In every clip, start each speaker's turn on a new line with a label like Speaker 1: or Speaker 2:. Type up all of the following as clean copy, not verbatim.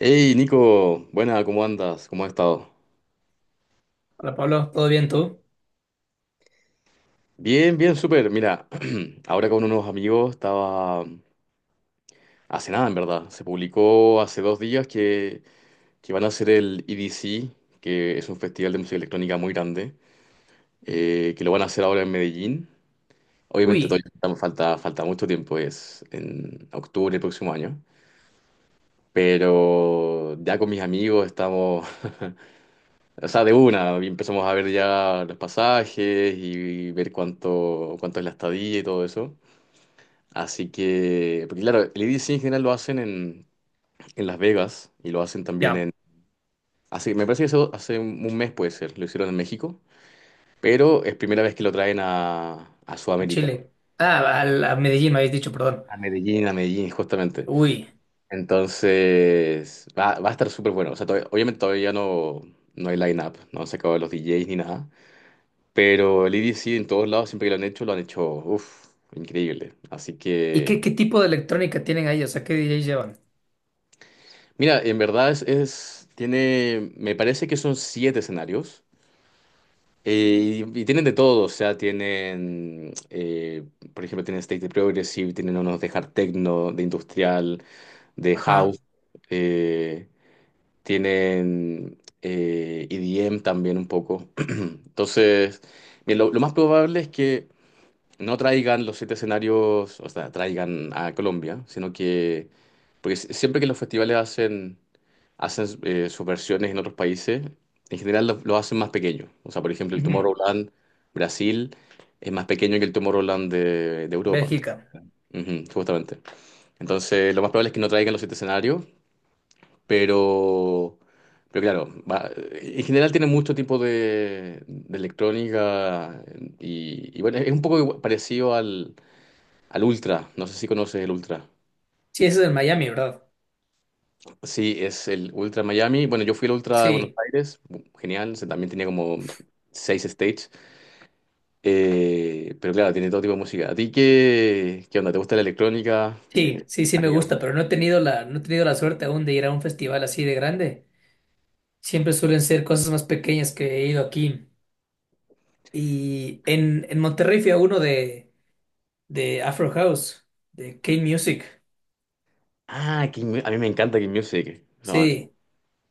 Speaker 1: Hey Nico, buena, ¿cómo andas? ¿Cómo has estado?
Speaker 2: Hola Pablo, ¿todo bien tú?
Speaker 1: Bien, bien, súper. Mira, ahora con unos amigos estaba hace nada, en verdad. Se publicó hace 2 días que van a hacer el EDC, que es un festival de música electrónica muy grande, que lo van a hacer ahora en Medellín. Obviamente
Speaker 2: Uy,
Speaker 1: todavía falta, falta mucho tiempo, es en octubre del próximo año. Pero ya con mis amigos estamos. O sea, de una, y empezamos a ver ya los pasajes y ver cuánto, cuánto es la estadía y todo eso. Así que, porque claro, el EDC en general lo hacen en Las Vegas y lo hacen también
Speaker 2: ya,
Speaker 1: en... Así, me parece que eso hace un mes puede ser, lo hicieron en México, pero es primera vez que lo traen a
Speaker 2: a
Speaker 1: Sudamérica,
Speaker 2: Chile. Ah, a, la- a Medellín me habéis dicho, perdón.
Speaker 1: a Medellín justamente.
Speaker 2: Uy,
Speaker 1: Entonces, va a estar súper bueno. O sea, obviamente todavía no, no hay line-up, no se acabó los DJs ni nada. Pero el EDC en todos lados, siempre que lo han hecho, uff, increíble. Así
Speaker 2: ¿y qué,
Speaker 1: que,
Speaker 2: qué tipo de electrónica tienen ahí? O sea, ¿qué DJs llevan?
Speaker 1: mira, en verdad tiene, me parece que son 7 escenarios. Y tienen de todo, o sea, tienen, por ejemplo, tienen State de Progressive, tienen unos de Hard Techno, de Industrial, de House,
Speaker 2: Ajá,
Speaker 1: eh, tienen EDM también un poco. Entonces, mira, lo más probable es que no traigan los 7 escenarios, o sea, traigan a Colombia, sino que, porque siempre que los festivales hacen, hacen sus versiones en otros países, en general lo hacen más pequeño. O sea, por ejemplo, el
Speaker 2: ujú,
Speaker 1: Tomorrowland Brasil es más pequeño que el Tomorrowland de Europa, ¿no?
Speaker 2: Bélgica.
Speaker 1: Ujú, justamente. Entonces, lo más probable es que no traigan los siete escenarios, pero... Pero claro, en general tiene mucho tipo de electrónica y bueno, es un poco parecido al, al Ultra, no sé si conoces el Ultra.
Speaker 2: Sí, eso es en Miami, ¿verdad?
Speaker 1: Sí, es el Ultra Miami. Bueno, yo fui al Ultra de Buenos
Speaker 2: Sí,
Speaker 1: Aires, genial, también tenía como 6 stages. Pero claro, tiene todo tipo de música. ¿A ti qué, qué onda? ¿Te gusta la electrónica?
Speaker 2: sí, sí, sí
Speaker 1: ¿Has
Speaker 2: me
Speaker 1: ido?
Speaker 2: gusta, pero no he tenido no he tenido la suerte aún de ir a un festival así de grande. Siempre suelen ser cosas más pequeñas que he ido aquí. Y en Monterrey fui a uno de Afro House, de K-Music.
Speaker 1: Ah, a mí me encanta King Music. Son,
Speaker 2: Sí,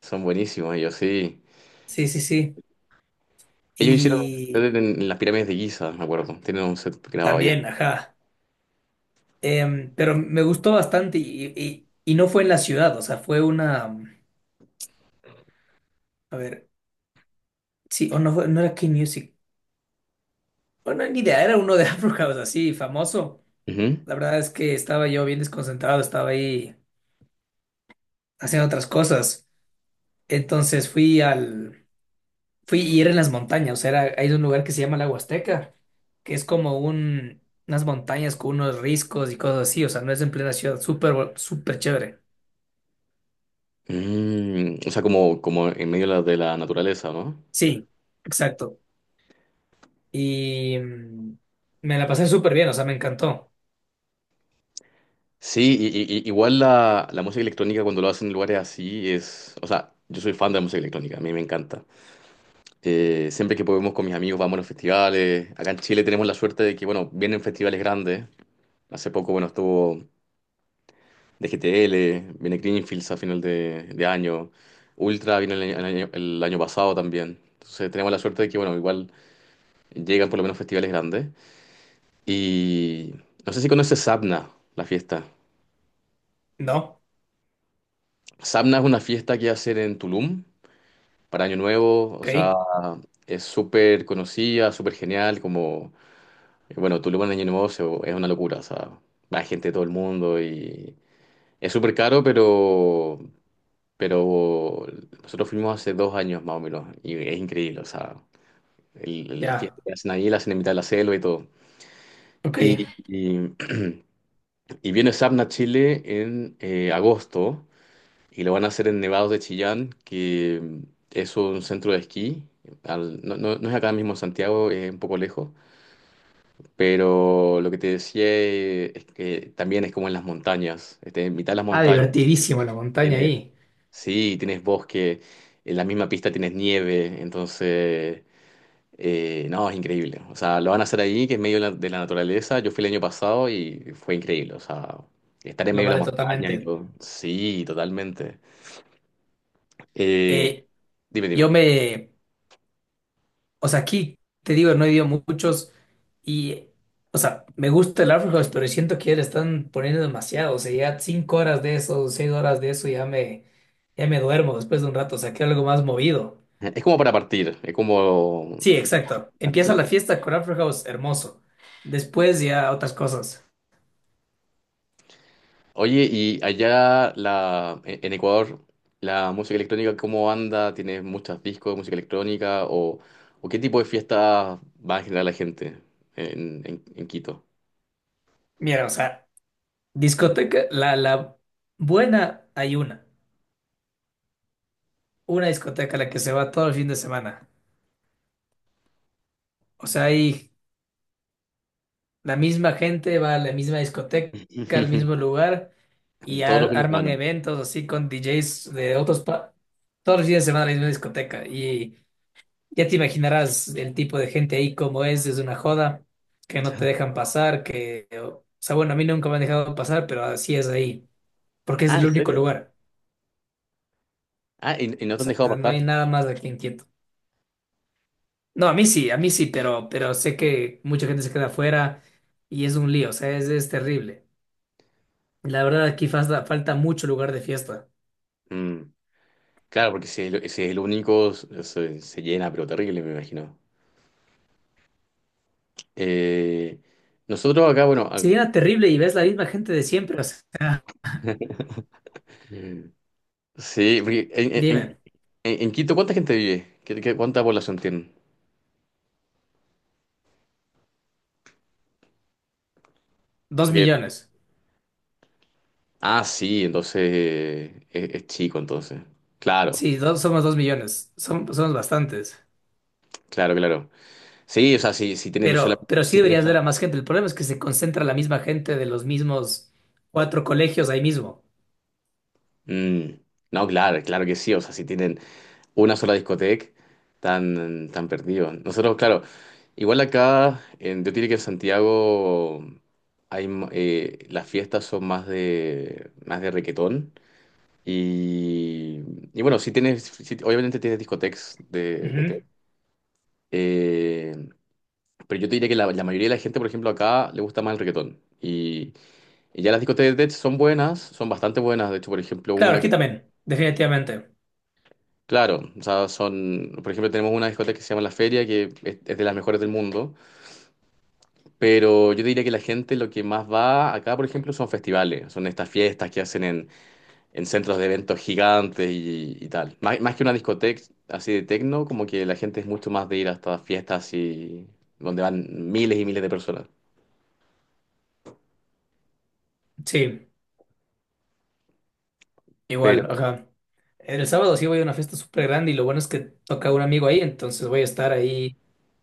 Speaker 1: son buenísimos ellos, sí.
Speaker 2: sí, sí, sí.
Speaker 1: Ellos hicieron un
Speaker 2: Y
Speaker 1: set en las pirámides de Giza, me acuerdo. Tienen un set grabado allá.
Speaker 2: también, ajá. Pero me gustó bastante y no fue en la ciudad, o sea, fue una. A ver, sí, o no, no era K-Music. Bueno, ni idea, era uno de Afro House así, famoso.
Speaker 1: Ujú.
Speaker 2: La verdad es que estaba yo bien desconcentrado, estaba ahí haciendo otras cosas. Entonces fui al... Fui y era en las montañas, o sea, era, hay un lugar que se llama la Huasteca, que es como un, unas montañas con unos riscos y cosas así, o sea, no es en plena ciudad, súper, súper chévere.
Speaker 1: Mm, o sea, como, como en medio de de la naturaleza, ¿no?
Speaker 2: Sí, exacto. y mm, Me la pasé súper bien, o sea, me encantó.
Speaker 1: Sí, igual la música electrónica cuando lo hacen en lugares así es, o sea, yo soy fan de la música electrónica, a mí me encanta. Siempre que podemos con mis amigos vamos a los festivales. Acá en Chile tenemos la suerte de que, bueno, vienen festivales grandes. Hace poco, bueno, estuvo DGTL, viene Greenfields a final de año, Ultra vino el año pasado también. Entonces tenemos la suerte de que, bueno, igual llegan por lo menos festivales grandes. Y no sé si conoces Sabna, la fiesta.
Speaker 2: No,
Speaker 1: Sabna es una fiesta que hacen en Tulum para Año Nuevo, o sea,
Speaker 2: ok,
Speaker 1: es súper conocida, súper genial, como, bueno, Tulum en Año Nuevo es una locura, o sea, va gente de todo el mundo y es súper caro, pero nosotros fuimos hace 2 años más o menos y es increíble, o sea, la
Speaker 2: ya,
Speaker 1: fiesta que hacen ahí, la hacen en mitad de la selva y todo.
Speaker 2: ok.
Speaker 1: Y, y, y viene Sapna a Chile en agosto. Y lo van a hacer en Nevados de Chillán, que es un centro de esquí. No es acá mismo en Santiago, es un poco lejos. Pero lo que te decía es que también es como en las montañas. Este, en mitad de las
Speaker 2: Ah,
Speaker 1: montañas
Speaker 2: divertidísimo la montaña
Speaker 1: tienes,
Speaker 2: ahí,
Speaker 1: sí, tienes bosque, en la misma pista tienes nieve. Entonces, no, es increíble. O sea, lo van a hacer ahí, que es medio de de la naturaleza. Yo fui el año pasado y fue increíble. O sea, estar en
Speaker 2: lo
Speaker 1: medio de la
Speaker 2: vale
Speaker 1: montaña y
Speaker 2: totalmente.
Speaker 1: todo. Sí, totalmente. Eh,
Speaker 2: Eh,
Speaker 1: dime,
Speaker 2: yo
Speaker 1: dime.
Speaker 2: me, o sea, aquí te digo, no he ido muchos y, o sea, me gusta el Afrohouse, pero siento que ya le están poniendo demasiado, o sea, ya cinco horas de eso, seis horas de eso, ya me duermo después de un rato, o sea, quiero algo más movido.
Speaker 1: Es como para partir,
Speaker 2: Sí,
Speaker 1: es como
Speaker 2: exacto.
Speaker 1: la-
Speaker 2: Empieza la
Speaker 1: la-
Speaker 2: fiesta con Afrohouse, hermoso. Después ya otras cosas.
Speaker 1: Oye, y allá la, en Ecuador, la música electrónica, ¿cómo anda? ¿Tienes muchos discos de música electrónica? O qué tipo de fiestas va a generar la gente en Quito?
Speaker 2: Mira, o sea, discoteca, la buena hay una. Una discoteca a la que se va todo el fin de semana. O sea, hay la misma gente, va a la misma discoteca, al mismo lugar, y
Speaker 1: Todos los fines de
Speaker 2: arman
Speaker 1: semana.
Speaker 2: eventos así con DJs de otros pa todos los fines de semana a la misma discoteca. Y ya te imaginarás el tipo de gente ahí como es una joda, que no te dejan pasar, que, o sea, bueno, a mí nunca me han dejado pasar, pero así es ahí, porque es
Speaker 1: Ah,
Speaker 2: el
Speaker 1: ¿en
Speaker 2: único
Speaker 1: serio?
Speaker 2: lugar.
Speaker 1: Ah, y no
Speaker 2: O
Speaker 1: te han dejado
Speaker 2: sea, no
Speaker 1: pasar.
Speaker 2: hay nada más aquí en Quito. No, a mí sí, pero sé que mucha gente se queda afuera y es un lío, o sea, es terrible. La verdad, aquí falta, falta mucho lugar de fiesta.
Speaker 1: Mm, claro, porque si es, el si es el único, se llena, pero terrible, me imagino. Eh, nosotros acá, bueno,
Speaker 2: Si era terrible y ves la misma gente de siempre, o sea,
Speaker 1: ac- sí, porque
Speaker 2: dime,
Speaker 1: en Quito, ¿cuánta gente vive? ¿Cuánta población tienen?
Speaker 2: dos
Speaker 1: Porque,
Speaker 2: millones.
Speaker 1: ah, sí, entonces es chico, entonces. Claro,
Speaker 2: Sí, dos, somos 2 millones, somos bastantes.
Speaker 1: claro, claro. Sí, o sea, si tienen
Speaker 2: Pero sí
Speaker 1: si tienen
Speaker 2: deberías ver
Speaker 1: sola-
Speaker 2: a más gente. El problema es que se concentra la misma gente de los mismos cuatro colegios ahí mismo.
Speaker 1: mm, no, claro, claro que sí. O sea, si tienen una sola discoteca, tan, tan perdidos. Nosotros, claro, igual acá, en, yo diría que en Santiago hay, las fiestas son más más de reguetón. Y, y bueno, si tienes, sí, obviamente tienes discotecas de tech.
Speaker 2: Ujú.
Speaker 1: Eh, pero yo te diría que la mayoría de la gente, por ejemplo, acá le gusta más el reggaetón. Y ya las discotecas de tech son buenas, son bastante buenas. De hecho, por ejemplo,
Speaker 2: Claro,
Speaker 1: una
Speaker 2: aquí
Speaker 1: que,
Speaker 2: también, definitivamente.
Speaker 1: claro, o sea, son, por ejemplo, tenemos una discoteca que se llama La Feria, que es de las mejores del mundo. Pero yo te diría que la gente lo que más va acá, por ejemplo, son festivales, son estas fiestas que hacen en centros de eventos gigantes y tal. Más, más que una discoteca así de techno, como que la gente es mucho más de ir a estas fiestas y donde van miles y miles de personas.
Speaker 2: Sí.
Speaker 1: Pero...
Speaker 2: Igual, ajá. El sábado sí voy a una fiesta súper grande y lo bueno es que toca un amigo ahí, entonces voy a estar ahí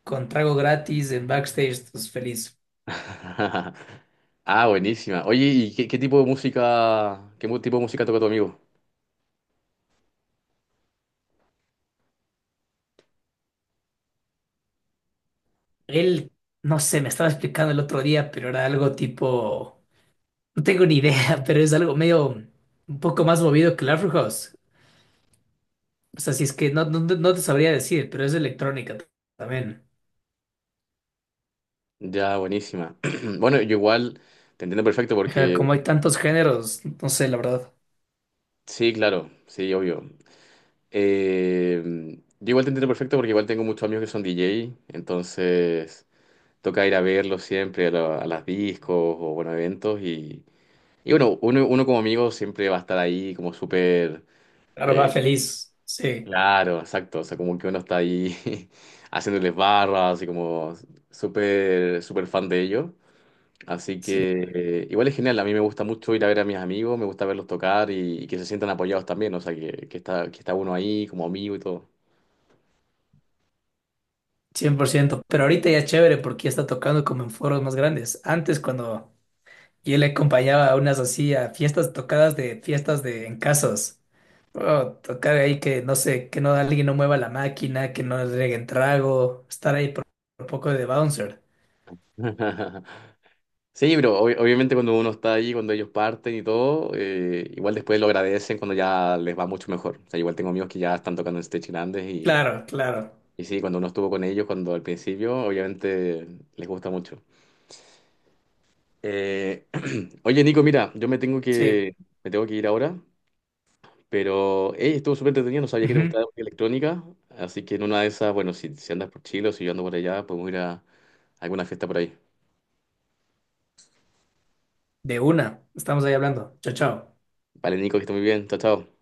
Speaker 2: con trago gratis en backstage, entonces feliz.
Speaker 1: Ah, buenísima. Oye, ¿y qué, qué tipo de música, tipo de música toca tu amigo?
Speaker 2: Él, no sé, me estaba explicando el otro día, pero era algo tipo, no tengo ni idea, pero es algo medio un poco más movido que el Afro House. O sea, si es que no, no, no te sabría decir, pero es electrónica también.
Speaker 1: Ya, buenísima. Bueno, yo igual te entiendo perfecto
Speaker 2: Ajá,
Speaker 1: porque,
Speaker 2: como hay tantos géneros, no sé, la verdad.
Speaker 1: sí, claro, sí, obvio. Eh, yo igual te entiendo perfecto porque igual tengo muchos amigos que son DJ, entonces... toca ir a verlo siempre a las discos o bueno, eventos y bueno, uno como amigo siempre va a estar ahí como súper
Speaker 2: Ahora va
Speaker 1: eh,
Speaker 2: feliz, sí.
Speaker 1: claro, exacto, o sea, como que uno está ahí haciéndoles barras y como súper súper fan de ellos. Así
Speaker 2: Sí.
Speaker 1: que igual es genial, a mí me gusta mucho ir a ver a mis amigos, me gusta verlos tocar y que se sientan apoyados también, o sea, que está uno ahí como amigo y todo.
Speaker 2: 100%, pero ahorita ya es chévere porque ya está tocando como en foros más grandes. Antes cuando yo le acompañaba a unas así a fiestas tocadas de fiestas de en casas, oh, tocar ahí que no sé, que no alguien no mueva la máquina, que no le reguen trago, estar ahí por un poco de bouncer.
Speaker 1: Sí, pero obviamente cuando uno está ahí, cuando ellos parten y todo, igual después lo agradecen cuando ya les va mucho mejor. O sea, igual tengo amigos que ya están tocando en stage grandes
Speaker 2: Claro, claro,
Speaker 1: y sí, cuando uno estuvo con ellos, cuando al principio, obviamente les gusta mucho. Eh, oye, Nico, mira, yo me tengo
Speaker 2: sí,
Speaker 1: me tengo que ir ahora, pero hey, estuvo súper entretenido, no sabía que te
Speaker 2: ujú,
Speaker 1: gustaba la música electrónica, así que en una de esas, bueno, si andas por Chile o si yo ando por allá, podemos ir a alguna fiesta por ahí.
Speaker 2: de una, estamos ahí hablando. Chao, chao.
Speaker 1: Vale, Nico, que esté muy bien, chao, chao.